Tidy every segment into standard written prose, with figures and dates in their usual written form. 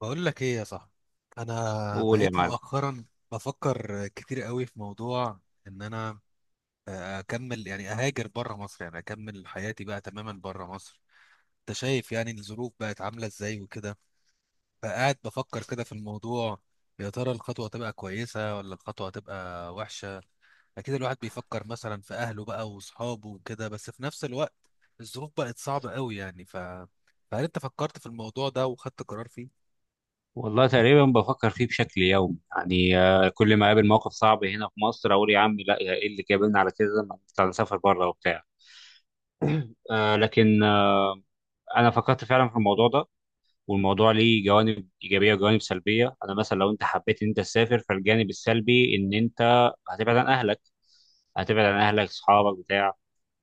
بقول لك ايه يا صاحبي؟ انا قول يا بقيت معلم. مؤخرا بفكر كتير قوي في موضوع ان انا اكمل، يعني اهاجر بره مصر، يعني اكمل حياتي بقى تماما بره مصر. انت شايف يعني الظروف بقت عامله ازاي وكده، فقاعد بفكر كده في الموضوع: يا ترى الخطوه تبقى كويسه ولا الخطوه تبقى وحشه؟ اكيد الواحد بيفكر مثلا في اهله بقى واصحابه وكده، بس في نفس الوقت الظروف بقت صعبه قوي يعني. فهل انت فكرت في الموضوع ده وخدت قرار فيه؟ والله تقريبا بفكر فيه بشكل يومي، يعني كل ما اقابل موقف صعب هنا في مصر اقول يا عم لا، يا ايه اللي جابلنا على كده؟ ما نطلع نسافر بره وبتاع. آه، لكن آه، انا فكرت فعلا في الموضوع ده، والموضوع ليه جوانب ايجابيه وجوانب سلبيه. انا مثلا لو انت حبيت ان انت تسافر، فالجانب السلبي ان انت هتبعد عن اهلك. هتبعد عن اهلك، اصحابك، بتاع،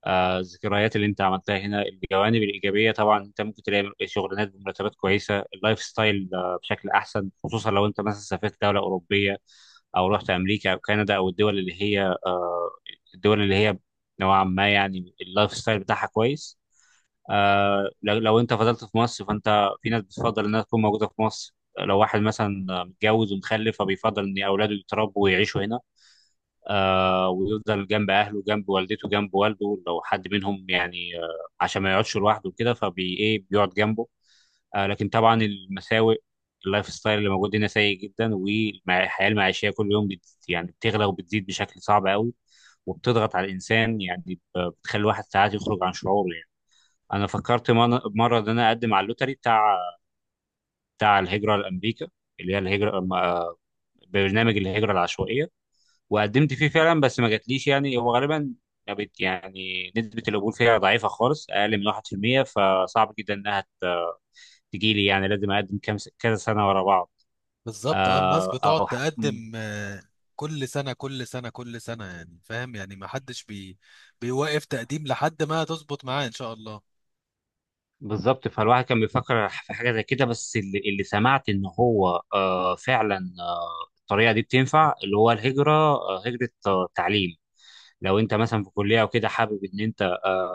الذكريات اللي انت عملتها هنا. الجوانب الايجابيه طبعا انت ممكن تلاقي شغلانات بمرتبات كويسه، اللايف ستايل بشكل احسن، خصوصا لو انت مثلا سافرت دوله اوروبيه او رحت امريكا او كندا، او الدول اللي هي آه، الدول اللي هي نوعا ما يعني اللايف ستايل بتاعها كويس. لو انت فضلت في مصر، فانت في ناس بتفضل انها تكون موجوده في مصر. لو واحد مثلا متجوز ومخلف، فبيفضل ان اولاده يتربوا ويعيشوا هنا. آه، ويفضل جنب أهله، جنب والدته، جنب والده لو حد منهم، يعني آه عشان ما يقعدش لوحده كده، فبي إيه بيقعد جنبه. آه، لكن طبعا المساوئ اللايف ستايل اللي موجود هنا سيء جدا، والحياة المعيشية كل يوم يعني بتغلى وبتزيد بشكل صعب قوي، وبتضغط على الإنسان، يعني بتخلي الواحد ساعات يخرج عن شعوره. يعني أنا فكرت مرة إن أنا أقدم على اللوتري بتاع الهجرة لأمريكا، اللي هي الهجرة آه، برنامج الهجرة العشوائية. وقدمت فيه فعلا، بس ما جاتليش. يعني هو غالبا ما بت- يعني نسبة القبول فيها ضعيفة خالص، أقل من 1%. فصعب جدا إنها تجي لي، يعني لازم اقدم كذا سنه ورا بعض. بالظبط، اه، الناس آه بتقعد او ح- م- تقدم، كل سنة كل سنة كل سنة، يعني فاهم، يعني ما حدش بيوقف تقديم لحد ما تظبط معاه إن شاء الله. بالظبط. فالواحد كان بيفكر في حاجه زي كده، بس اللي سمعت ان هو آه فعلا آه الطريقه دي بتنفع اللي هو الهجره آه، هجره آه تعليم. لو انت مثلا في كليه او كده حابب ان انت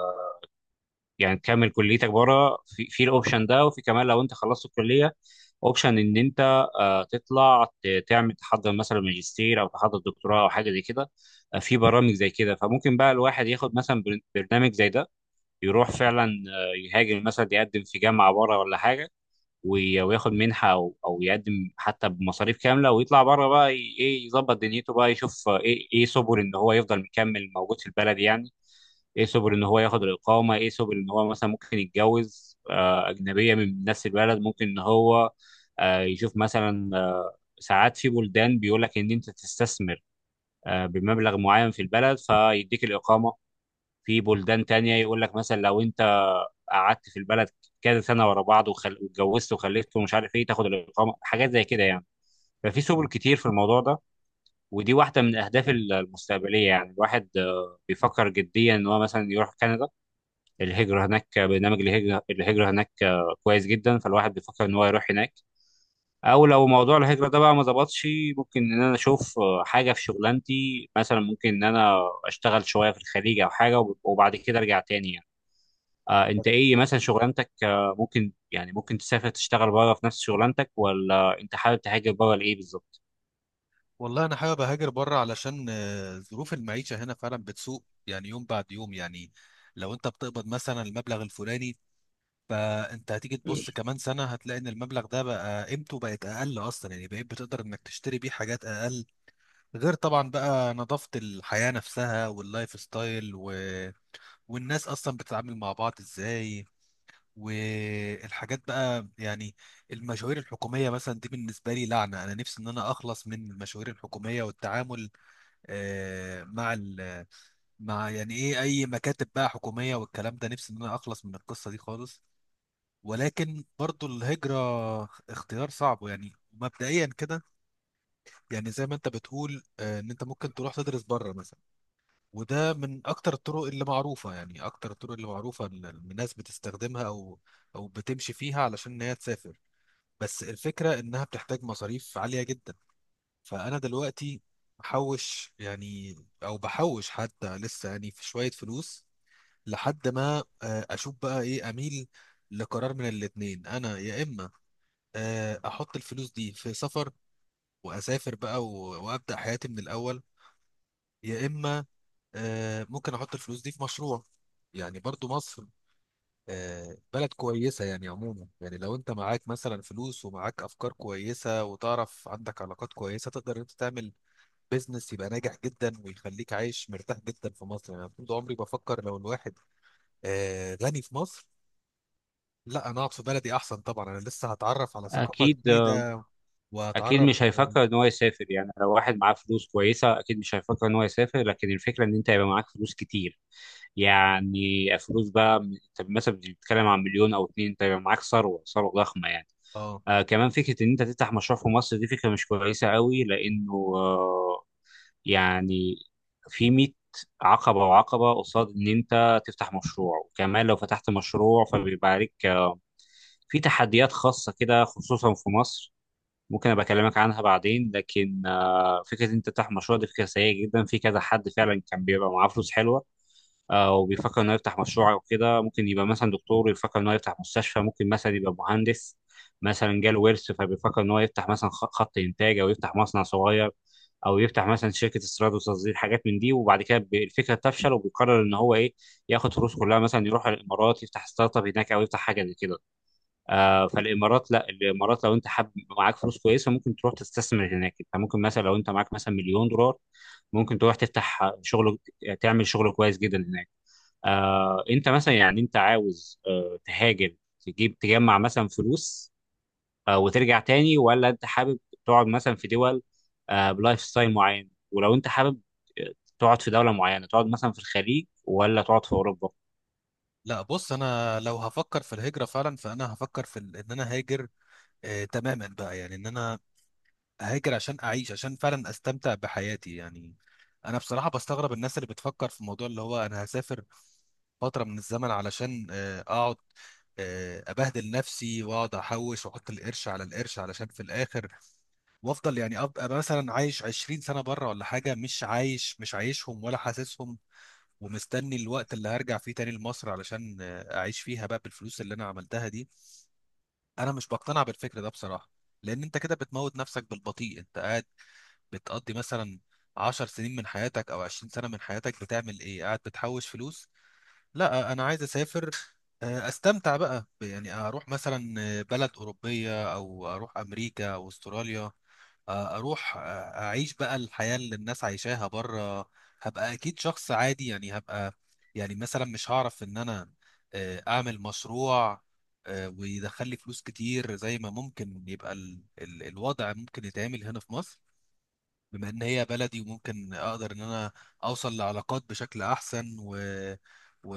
يعني تكمل كليتك بره، في الاوبشن ده. وفي كمان لو انت خلصت الكليه، اوبشن ان انت آه، تطلع تعمل تحضر مثلا ماجستير او تحضر دكتوراه او حاجه زي كده. آه، في برامج زي كده، فممكن بقى الواحد ياخد مثلا برنامج زي ده، يروح فعلا آه، يهاجر، مثلا يقدم في جامعه بره ولا حاجه، وياخد منحه او يقدم حتى بمصاريف كامله، ويطلع بره بقى ايه يظبط دنيته بقى، يشوف آه، ايه سبل ان هو يفضل مكمل موجود في البلد، يعني ايه سبل ان هو ياخد الاقامه، ايه سبل ان هو مثلا ممكن يتجوز آه، اجنبيه من نفس البلد، ممكن ان هو آه، يشوف مثلا آه، ساعات في بلدان بيقول لك ان انت تستثمر آه، بمبلغ معين في البلد فيديك الاقامه. في بلدان تانية يقول لك مثلا لو انت قعدت في البلد كذا سنه ورا بعض، واتجوزت وخلفت ومش عارف ايه، تاخد الاقامه، حاجات زي كده يعني. ففي سبل كتير في الموضوع ده. ودي واحده من الاهداف المستقبليه، يعني الواحد آه، بيفكر جديا ان هو مثلا يروح كندا. الهجرة هناك، برنامج الهجرة هناك كويس جدا. فالواحد بيفكر إن هو يروح هناك. أو لو موضوع الهجرة ده بقى ما ظبطش، ممكن إن أنا أشوف حاجة في شغلانتي، مثلا ممكن إن أنا أشتغل شوية في الخليج أو حاجة، وبعد كده أرجع تاني يعني. آه، أنت إيه مثلا شغلانتك؟ آه، ممكن يعني ممكن تسافر تشتغل بره في نفس شغلانتك، ولا أنت حابب تهاجر بره لإيه بالظبط؟ والله أنا حابب أهاجر بره علشان ظروف المعيشة هنا فعلا بتسوء يعني، يوم بعد يوم يعني. لو أنت بتقبض مثلا المبلغ الفلاني، فأنت هتيجي تبص كمان سنة هتلاقي إن المبلغ ده بقى قيمته بقت أقل أصلا، يعني بقيت بتقدر إنك تشتري بيه حاجات أقل. غير طبعا بقى نظافة الحياة نفسها واللايف ستايل و والناس اصلا بتتعامل مع بعض ازاي، والحاجات بقى يعني. المشاوير الحكوميه مثلا دي بالنسبه لي لعنه، انا نفسي ان انا اخلص من المشاوير الحكوميه والتعامل مع مع يعني ايه اي مكاتب بقى حكوميه والكلام ده، نفسي ان انا اخلص من القصه دي خالص. ولكن برضو الهجره اختيار صعب يعني مبدئيا كده. يعني زي ما انت بتقول، ان انت ممكن تروح تدرس بره مثلا، وده من اكتر الطرق اللي معروفه، يعني اكتر الطرق اللي معروفه إن الناس بتستخدمها او او بتمشي فيها علشان ان هي تسافر. بس الفكره انها بتحتاج مصاريف عاليه جدا. فانا دلوقتي بحوش يعني، او بحوش حتى لسه يعني في شويه فلوس لحد ما اشوف بقى ايه اميل لقرار من الاتنين. انا يا اما احط الفلوس دي في سفر واسافر بقى وابدا حياتي من الاول، يا اما ممكن احط الفلوس دي في مشروع. يعني برضو مصر بلد كويسة يعني عموما، يعني لو انت معاك مثلا فلوس ومعاك افكار كويسة وتعرف عندك علاقات كويسة، تقدر انت تعمل بيزنس يبقى ناجح جدا ويخليك عايش مرتاح جدا في مصر. يعني أنا طول عمري بفكر، لو الواحد غني في مصر، لا انا اقعد في بلدي احسن. طبعا انا لسه هتعرف على ثقافة أكيد. جديدة اكيد وهتعرف. مش هيفكر ان هو يسافر. يعني لو واحد معاه فلوس كويسه، اكيد مش هيفكر ان هو يسافر. لكن الفكره ان انت يبقى معاك فلوس كتير، يعني فلوس بقى. انت مثلا بتتكلم عن مليون او اتنين، انت يبقى معاك ثروه ضخمه يعني. اه، آه، كمان فكره ان انت تفتح مشروع في مصر، دي فكره مش كويسه قوي، لانه آه يعني في 100 عقبه وعقبه قصاد ان انت تفتح مشروع. وكمان لو فتحت مشروع، فبيبقى عليك آه، في تحديات خاصة كده، خصوصا في مصر، ممكن ابقى اكلمك عنها بعدين. لكن آه، فكره انت تفتح مشروع دي فكره سيئه جدا. في كذا حد فعلا كان بيبقى معاه فلوس حلوه آه، وبيفكر انه يفتح مشروع او كده. ممكن يبقى مثلا دكتور يفكر انه يفتح مستشفى، ممكن مثلا يبقى مهندس مثلا جاله ورث، فبيفكر ان هو يفتح مثلا خط انتاج، او يفتح مصنع صغير، او يفتح مثلا شركه استيراد وتصدير، حاجات من دي. وبعد كده الفكره تفشل، وبيقرر ان هو ايه، ياخد فلوس كلها مثلا يروح الامارات يفتح ستارت اب هناك، او يفتح حاجه زي كده. آه، فالامارات، لا الامارات لو انت حاب معاك فلوس كويسه، ممكن تروح تستثمر هناك. انت ممكن مثلا لو انت معاك مثلا مليون دولار، ممكن تروح تفتح شغل، تعمل شغل كويس جدا هناك. آه، انت مثلا يعني انت عاوز آه، تهاجر، تجيب تجمع مثلا فلوس آه، وترجع تاني، ولا انت حابب تقعد مثلا في دول آه، بلايف ستايل معين، ولو انت حابب آه، تقعد في دوله معينه، تقعد مثلا في الخليج ولا تقعد في اوروبا؟ لا، بص، انا لو هفكر في الهجرة فعلا فانا هفكر في ان انا هاجر تماما بقى، يعني ان انا هاجر عشان اعيش، عشان فعلا استمتع بحياتي يعني. انا بصراحه بستغرب الناس اللي بتفكر في الموضوع اللي هو انا هسافر فتره من الزمن علشان اقعد ابهدل نفسي واقعد احوش واحط القرش على القرش علشان في الاخر وافضل، يعني ابقى مثلا عايش 20 سنه بره ولا حاجه، مش عايش، مش عايشهم ولا حاسسهم، ومستني الوقت اللي هرجع فيه تاني لمصر علشان اعيش فيها بقى بالفلوس اللي انا عملتها دي. انا مش بقتنع بالفكر ده بصراحه. لان انت كده بتموت نفسك بالبطيء. انت قاعد بتقضي مثلا 10 سنين من حياتك او 20 سنة من حياتك بتعمل ايه؟ قاعد بتحوش فلوس. لا، انا عايز اسافر استمتع بقى يعني اروح مثلا بلد اوروبية او اروح امريكا او استراليا، اروح اعيش بقى الحياة اللي الناس عايشاها بره. هبقى اكيد شخص عادي يعني، هبقى يعني مثلا مش هعرف ان انا اعمل مشروع ويدخل لي فلوس كتير زي ما ممكن يبقى ال ال الوضع ممكن يتعمل هنا في مصر، بما ان هي بلدي، وممكن اقدر ان انا اوصل لعلاقات بشكل احسن و...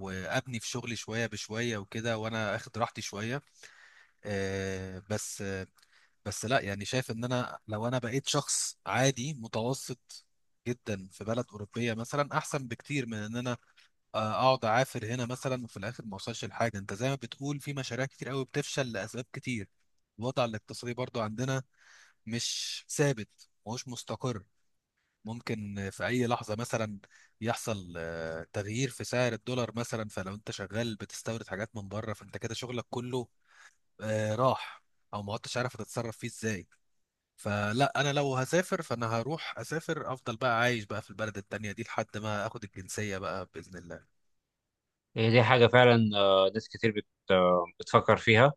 وابني في شغلي شويه بشويه وكده وانا اخد راحتي شويه. آه بس آه بس لا يعني، شايف ان انا لو انا بقيت شخص عادي متوسط جدا في بلد اوروبيه مثلا احسن بكتير من ان انا اقعد اعافر هنا مثلا وفي الاخر ما اوصلش لحاجه. انت زي ما بتقول، في مشاريع كتير قوي بتفشل لاسباب كتير. الوضع الاقتصادي برضو عندنا مش ثابت، مش مستقر. ممكن في أي لحظة مثلا يحصل تغيير في سعر الدولار مثلا، فلو أنت شغال بتستورد حاجات من بره فأنت كده شغلك كله راح، أو ما عدتش عارف هتتصرف فيه إزاي. فلا، أنا لو هسافر فأنا هروح أسافر، أفضل بقى عايش بقى في البلد التانية دي لحد ما أخد الجنسية بقى بإذن الله. هي دي حاجه فعلا آه، ناس كتير بتفكر فيها.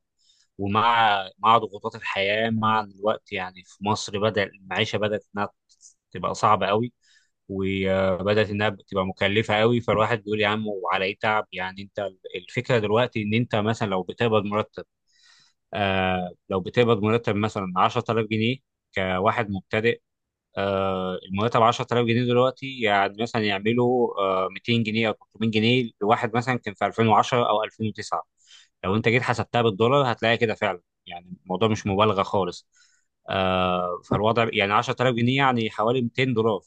ومع ضغوطات الحياة مع الوقت يعني في مصر، بدأ المعيشة بدأت إنها تبقى صعبة قوي، وبدأت إنها تبقى مكلفة قوي. فالواحد بيقول يا عم وعلى إيه تعب، يعني أنت الفكرة دلوقتي إن أنت مثلا لو بتقبض مرتب آه لو بتقبض مرتب مثلا 10000 جنيه كواحد مبتدئ، آه، المرتب 10000 جنيه دلوقتي يعني مثلا يعملوا آه، 200 جنيه او 300 جنيه لواحد مثلا كان في 2010 او 2009. لو انت جيت حسبتها بالدولار هتلاقي كده فعلا. يعني الموضوع مش مبالغه خالص. آه، فالوضع يعني 10000 جنيه يعني حوالي 200 دولار.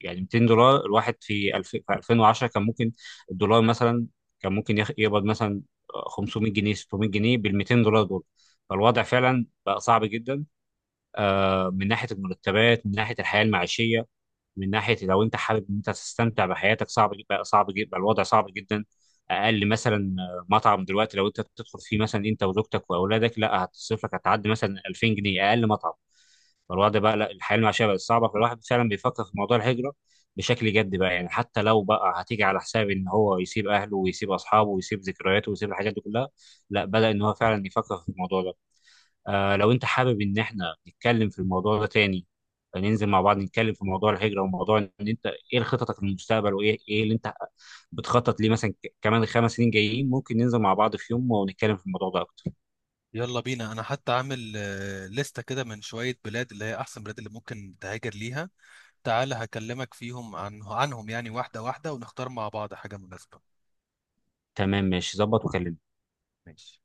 يعني 200 دولار، الواحد في الف... في 2010 كان ممكن الدولار مثلا كان ممكن يقبض مثلا 500 جنيه 600 جنيه بال 200 دولار دول. فالوضع فعلا بقى صعب جدا. آه، من ناحيه المرتبات، من ناحيه الحياه المعيشيه، من ناحيه لو انت حابب ان انت تستمتع بحياتك، صعب جدا، صعب جدا، الوضع صعب جدا. اقل مثلا آه، مطعم دلوقتي لو انت بتدخل فيه مثلا انت وزوجتك واولادك، لا هتصرف لك، هتعدي مثلا 2000 جنيه اقل مطعم. فالوضع بقى لا، الحياه المعيشيه بقت صعبه. فالواحد فعلا بيفكر في موضوع الهجره بشكل جد بقى، يعني حتى لو بقى هتيجي على حساب ان هو يسيب اهله ويسيب اصحابه ويسيب ذكرياته ويسيب الحاجات دي كلها، لا، بدأ ان هو فعلا يفكر في الموضوع ده. آه لو انت حابب ان احنا نتكلم في الموضوع ده تاني، ننزل مع بعض نتكلم في موضوع الهجرة، وموضوع ان انت ايه خططك للمستقبل، وايه اللي انت بتخطط ليه مثلا، كمان الخمس سنين جايين، ممكن ننزل مع بعض في يوم ونتكلم في الموضوع ده اكتر. يلا بينا. أنا حتى عامل لستة كده من شوية بلاد اللي هي أحسن بلاد اللي ممكن تهاجر ليها، تعالى هكلمك فيهم عنهم يعني واحدة واحدة ونختار مع بعض حاجة مناسبة. تمام، ماشي، ظبط وكلمني. ماشي.